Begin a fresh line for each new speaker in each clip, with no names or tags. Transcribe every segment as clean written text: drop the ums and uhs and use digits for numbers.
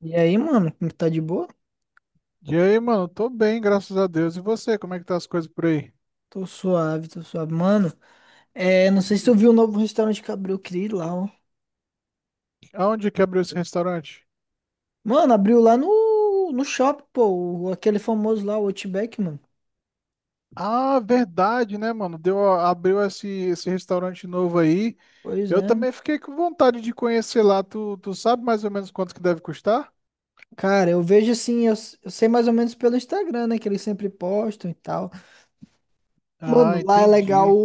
E aí, mano, como tá de boa?
E aí, mano? Tô bem, graças a Deus. E você, como é que tá as coisas por aí?
Tô suave, tô suave. Mano, é, não sei se tu
Hum.
viu o novo restaurante que abriu, eu queria ir lá, ó.
Aonde que abriu esse restaurante?
Mano, abriu lá no shopping, pô, aquele famoso lá, o Outback, mano.
Ah, verdade, né, mano? Deu, abriu esse restaurante novo aí.
Pois
Eu
é.
também fiquei com vontade de conhecer lá. Tu sabe mais ou menos quanto que deve custar?
Cara, eu vejo assim, eu sei mais ou menos pelo Instagram, né, que eles sempre postam e tal.
Ah,
Mano, lá é legal.
entendi.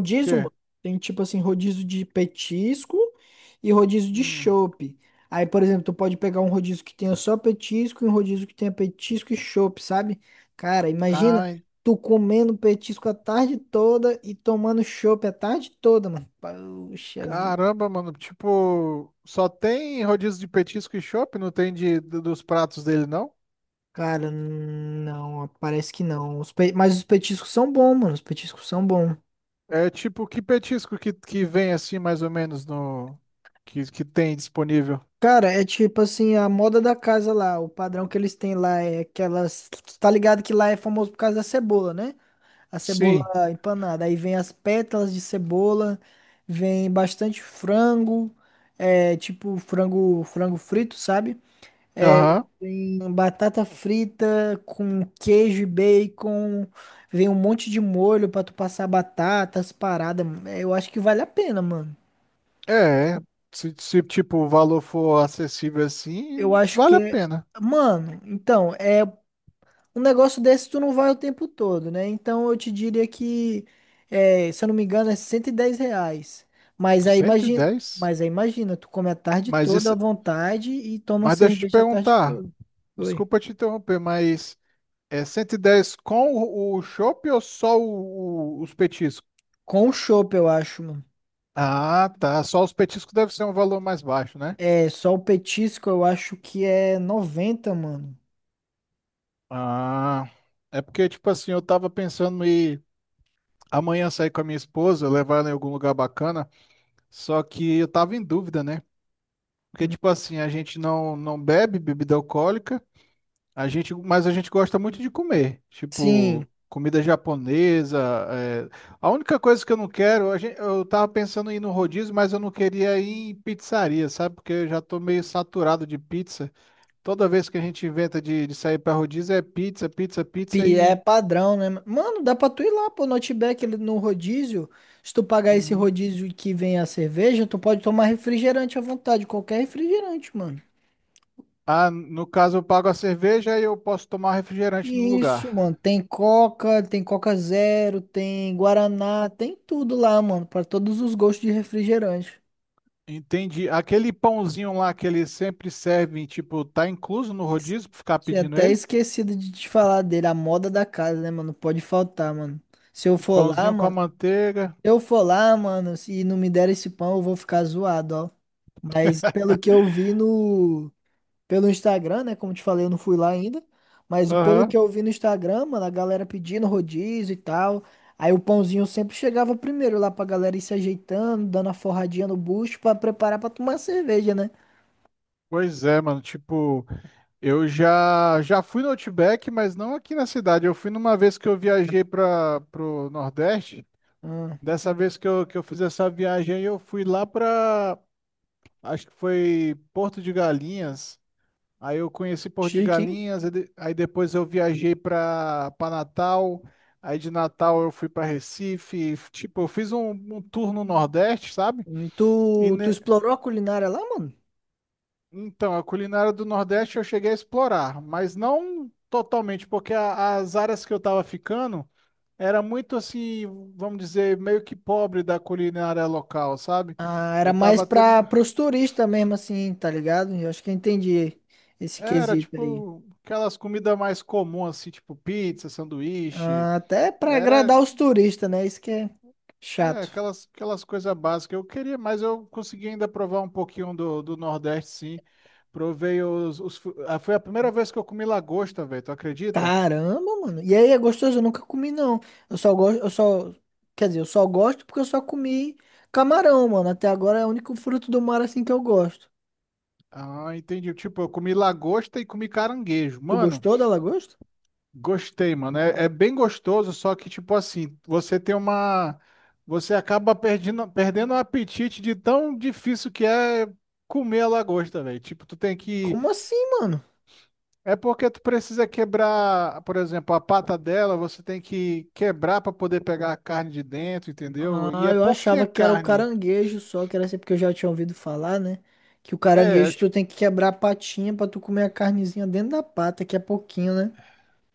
O quê?
mano. Tem tipo assim, rodízio de petisco e rodízio de
Hum.
chopp. Aí, por exemplo, tu pode pegar um rodízio que tenha só petisco e um rodízio que tenha petisco e chopp, sabe? Cara, imagina
Ah, en-
tu comendo petisco a tarde toda e tomando chopp a tarde toda, mano. Puxa vida.
caramba, mano. Tipo, só tem rodízio de petisco e chopp? Não tem dos pratos dele, não?
Cara, não, parece que não. Mas os petiscos são bons, mano. Os petiscos são bons.
É tipo, que petisco que vem assim, mais ou menos, no que tem disponível?
Cara, é tipo assim, a moda da casa lá, o padrão que eles têm lá é aquelas. Tu tá ligado que lá é famoso por causa da cebola, né? A cebola
Sim.
empanada. Aí vem as pétalas de cebola, vem bastante frango, é tipo frango, frango frito, sabe? É,
Aham.
vem batata frita com queijo e bacon, vem um monte de molho pra tu passar batatas, paradas. Eu acho que vale a pena, mano.
É. Se, tipo, o valor for acessível
Eu
assim,
acho que
vale a
é.
pena.
Mano, então, é um negócio desse tu não vai o tempo todo, né? Então eu te diria que, é, se eu não me engano, é R$ 110.
cento e dez.
Mas aí imagina, tu come a tarde
Mas
toda à
isso.
vontade e toma
Mas deixa eu te
cerveja a tarde
perguntar.
toda. Oi.
Desculpa te interromper, mas é 110 com o chopp ou só os petiscos?
Com o chopp, eu acho, mano.
Ah, tá. Só os petiscos deve ser um valor mais baixo, né?
É, só o petisco eu acho que é 90 mano.
Ah. É porque, tipo assim, eu tava pensando em amanhã sair com a minha esposa, levar ela em algum lugar bacana. Só que eu tava em dúvida, né? Porque, tipo assim, a gente não bebe bebida alcoólica, mas a gente gosta muito de comer.
Sim.
Tipo, comida japonesa. É. A única coisa que eu não quero, eu tava pensando em ir no rodízio, mas eu não queria ir em pizzaria, sabe? Porque eu já tô meio saturado de pizza. Toda vez que a gente inventa de sair pra rodízio é pizza, pizza, pizza
É
e.
padrão, né? Mano, dá pra tu ir lá, pô, no Outback, no rodízio. Se tu pagar esse
Uhum.
rodízio que vem a cerveja, tu pode tomar refrigerante à vontade, qualquer refrigerante, mano.
Ah, no caso eu pago a cerveja e eu posso tomar refrigerante no
Isso, mano.
lugar.
Tem Coca Zero, tem Guaraná, tem tudo lá, mano, pra todos os gostos de refrigerante.
Entendi. Aquele pãozinho lá que eles sempre servem, tipo, tá incluso no
Es-
rodízio pra ficar
Tinha
pedindo
até
ele?
esquecido de te falar dele, a moda da casa, né, mano? Pode faltar, mano. Se eu for lá,
Pãozinho com a
mano.
manteiga.
Eu for lá, mano. Se não me der esse pão, eu vou ficar zoado, ó. Mas pelo que eu vi no... Pelo Instagram, né? Como te falei, eu não fui lá ainda. Mas pelo que
Aham.
eu vi no Instagram, mano, a galera pedindo rodízio e tal. Aí o pãozinho sempre chegava primeiro lá pra galera ir se ajeitando, dando a forradinha no bucho pra preparar pra tomar cerveja, né?
Pois é, mano. Tipo, eu já já fui no Outback, mas não aqui na cidade. Eu fui numa vez que eu viajei para pro Nordeste.
Ah,
Dessa vez que eu fiz essa viagem aí, eu fui lá pra. Acho que foi Porto de Galinhas. Aí eu conheci Porto de
chique, hein?
Galinhas, aí depois eu viajei para Natal, aí de Natal eu fui para Recife, tipo, eu fiz um tour no Nordeste, sabe?
Tu,
E
tu
ne-
explorou a culinária lá, mano?
Então, a culinária do Nordeste eu cheguei a explorar, mas não totalmente, porque as áreas que eu estava ficando era muito assim, vamos dizer, meio que pobre da culinária local, sabe?
Ah, era
Eu
mais
tava tendo,
pra, pros turistas mesmo, assim, tá ligado? Eu acho que eu entendi esse
era
quesito aí.
tipo aquelas comidas mais comuns, assim, tipo pizza, sanduíche,
Ah, até pra
era
agradar os turistas, né? Isso que é
É,
chato.
aquelas coisas básicas. Eu queria, mas eu consegui ainda provar um pouquinho do Nordeste, sim. Provei os, os. Foi a primeira vez que eu comi lagosta, velho. Tu acredita?
Caramba, mano. E aí é gostoso, eu nunca comi não. Eu só gosto, eu só, quer dizer, eu só gosto porque eu só comi camarão, mano. Até agora é o único fruto do mar assim que eu gosto.
Ah, entendi. Tipo, eu comi lagosta e comi caranguejo.
Tu
Mano,
gostou da lagosta?
gostei, mano. É bem gostoso, só que, tipo assim, você tem uma. Você acaba perdendo o apetite de tão difícil que é comer a lagosta, velho. Tipo, tu tem que
Como assim, mano?
É porque tu precisa quebrar, por exemplo, a pata dela, você tem que quebrar para poder pegar a carne de dentro, entendeu? E
Ah,
é
eu
pouquinha
achava que era o
carne.
caranguejo só, que era assim porque eu já tinha ouvido falar, né? Que o
É
caranguejo tu
tipo,
tem que quebrar a patinha pra tu comer a carnezinha dentro da pata, que é pouquinho, né?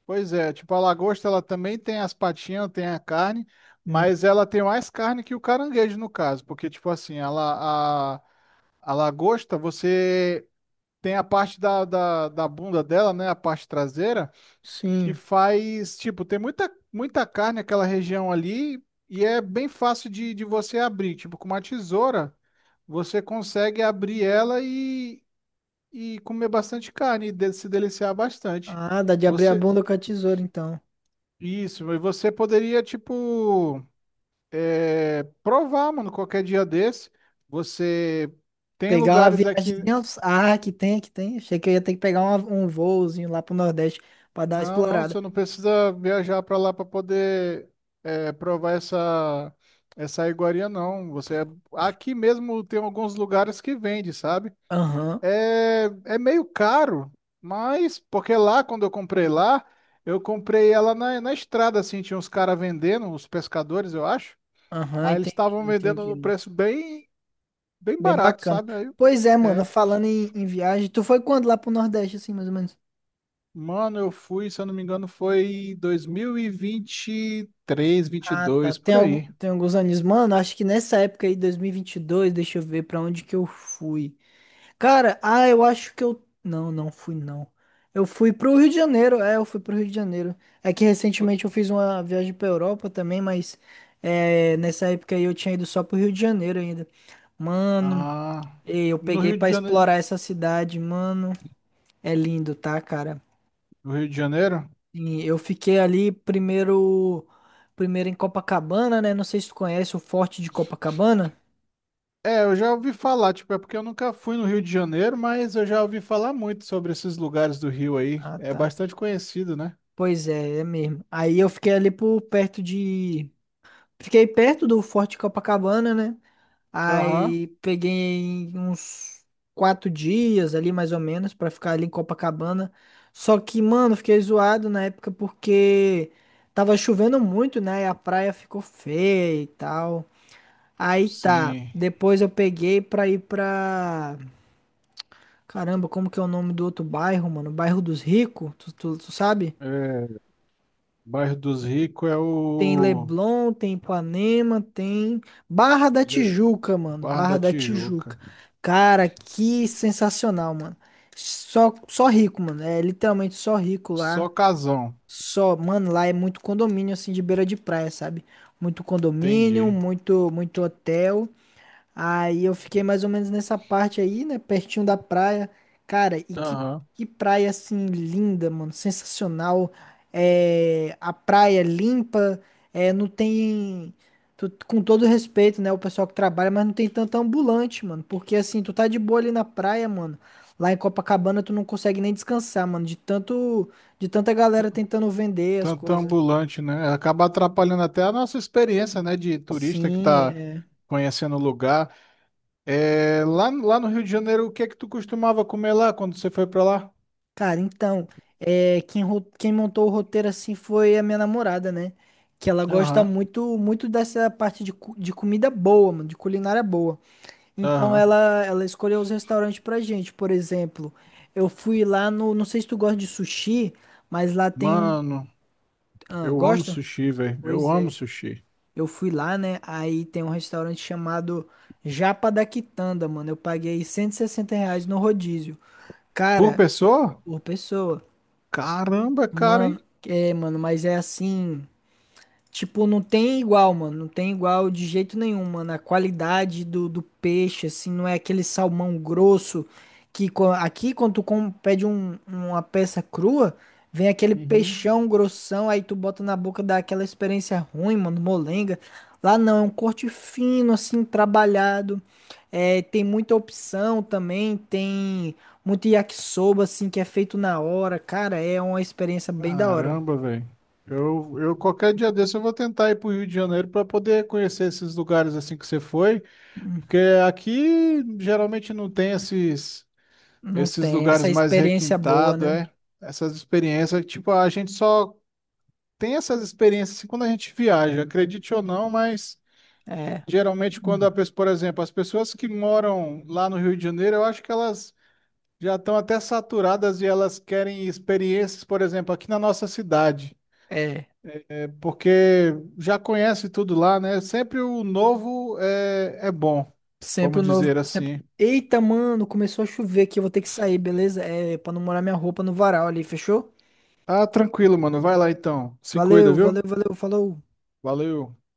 pois é, tipo a lagosta ela também tem as patinhas, tem a carne, mas ela tem mais carne que o caranguejo no caso, porque tipo assim, a lagosta você tem a parte da bunda dela, né, a parte traseira, que
Sim.
faz, tipo, tem muita, muita carne naquela região ali e é bem fácil de você abrir. Tipo, com uma tesoura, você consegue abrir ela e comer bastante carne e se deliciar bastante.
Ah, dá de abrir a
Você,
bunda com a tesoura, então.
isso, e você poderia, tipo, provar, mano, qualquer dia desse. Você tem
Pegar uma
lugares aqui.
viagemzinha. Ah, que tem, que tem. Achei que eu ia ter que pegar um voozinho lá pro Nordeste pra dar uma
Não, não,
explorada.
você não precisa viajar para lá para poder provar essa iguaria, não. Aqui mesmo tem alguns lugares que vende, sabe?
Aham,
É meio caro, mas porque lá quando eu comprei lá, eu comprei ela na estrada, assim, tinha uns caras vendendo, os pescadores, eu acho.
aham,
Aí eles
entendi,
estavam vendendo
entendi,
no
mano.
preço bem bem
Bem
barato,
bacana.
sabe? Aí, eu-
Pois é, mano,
é.
falando em viagem, tu foi quando lá pro Nordeste, assim, mais ou menos?
Mano, eu fui, se eu não me engano, foi 2020 23, vinte e
Ah, tá.
dois
Tem,
por
algum,
aí.
tem alguns anos. Mano, acho que nessa época aí, dois mil e vinte e dois, deixa eu ver pra onde que eu fui. Cara, ah, eu acho que eu. Não, não fui, não. Eu fui pro Rio de Janeiro, é, eu fui pro Rio de Janeiro. É que recentemente eu fiz uma viagem pra Europa também, mas é, nessa época aí eu tinha ido só pro Rio de Janeiro ainda. Mano,
Ah,
e eu
no
peguei
Rio de
pra
Janeiro.
explorar essa cidade, mano. É lindo, tá, cara?
No Rio de Janeiro?
E eu fiquei ali primeiro, primeiro em Copacabana, né? Não sei se tu conhece o Forte de Copacabana.
É, eu já ouvi falar, tipo, é porque eu nunca fui no Rio de Janeiro, mas eu já ouvi falar muito sobre esses lugares do Rio aí.
Ah,
É
tá.
bastante conhecido, né?
Pois é, é mesmo. Aí eu fiquei ali por perto de Fiquei perto do Forte Copacabana, né?
Aham,
Aí peguei uns 4 dias ali, mais ou menos, pra ficar ali em Copacabana. Só que, mano, fiquei zoado na época porque tava chovendo muito, né? E a praia ficou feia e tal. Aí tá.
sim.
Depois eu peguei pra ir pra. Caramba, como que é o nome do outro bairro, mano? Bairro dos Ricos, tu sabe?
É, Bairro dos Ricos é
Tem
o
Leblon, tem Ipanema, tem Barra da
Le-
Tijuca, mano.
Bar da
Barra da Tijuca.
Tijuca.
Cara, que sensacional, mano. Só rico, mano. É literalmente só rico
Só
lá.
casão,
Só, mano, lá é muito condomínio assim de beira de praia, sabe? Muito condomínio,
entendi.
muito, muito hotel. Aí eu fiquei mais ou menos nessa parte aí, né? Pertinho da praia. Cara, e que,
Aham.
que praia assim linda, mano. Sensacional. É, a praia é limpa. É, não tem. Com todo respeito, né? O pessoal que trabalha, mas não tem tanto ambulante, mano. Porque assim, tu tá de boa ali na praia, mano. Lá em Copacabana tu não consegue nem descansar, mano. De tanta
T-
galera tentando vender as
Tanto
coisas.
ambulante, né? Acaba atrapalhando até a nossa experiência, né, de turista que
Sim,
tá
é.
conhecendo o lugar. É, lá no Rio de Janeiro, o que é que tu costumava comer lá quando você foi pra lá?
Cara, então, é, quem montou o roteiro assim foi a minha namorada, né? Que ela gosta
Aham,
muito muito dessa parte de comida boa, mano, de culinária boa. Então
aham.
ela escolheu os restaurantes pra gente. Por exemplo, eu fui lá no. Não sei se tu gosta de sushi, mas lá tem um.
Mano,
Ah,
eu amo
gosta?
sushi, velho. Eu
Pois
amo
é.
sushi.
Eu fui lá, né? Aí tem um restaurante chamado Japa da Quitanda, mano. Eu paguei R$ 160 no rodízio.
Por
Cara,
pessoa?
por pessoa.
Caramba, é caro, hein?
Mano, é, mano, mas é assim. Tipo, não tem igual, mano. Não tem igual de jeito nenhum, mano. A qualidade do peixe, assim, não é aquele salmão grosso aqui, quando tu pede uma peça crua, vem aquele
Uhum.
peixão grossão, aí tu bota na boca, dá aquela experiência ruim, mano, molenga. Lá não, é um corte fino, assim, trabalhado. É, tem muita opção também, tem muito yakisoba, assim, que é feito na hora. Cara, é uma experiência bem da hora.
Caramba, velho. Eu qualquer dia desse eu vou tentar ir pro Rio de Janeiro pra poder conhecer esses lugares assim que você foi, porque aqui geralmente não tem esses
Não
esses
tem essa
lugares mais
experiência boa,
requintados,
né?
é? Essas experiências, tipo, a gente só tem essas experiências assim, quando a gente viaja, acredite ou não, mas
É,
geralmente quando a pessoa, por exemplo, as pessoas que moram lá no Rio de Janeiro, eu acho que elas já estão até saturadas e elas querem experiências, por exemplo, aqui na nossa cidade,
é.
é, porque já conhece tudo lá, né? Sempre o novo é bom,
Sempre
vamos
o novo.
dizer
Sempre.
assim.
Eita, mano, começou a chover aqui. Eu vou ter que sair, beleza? É, pra não molhar minha roupa no varal ali, fechou?
Ah, tranquilo, mano. Vai lá então. Se cuida,
Valeu, valeu,
viu?
valeu, falou.
Valeu.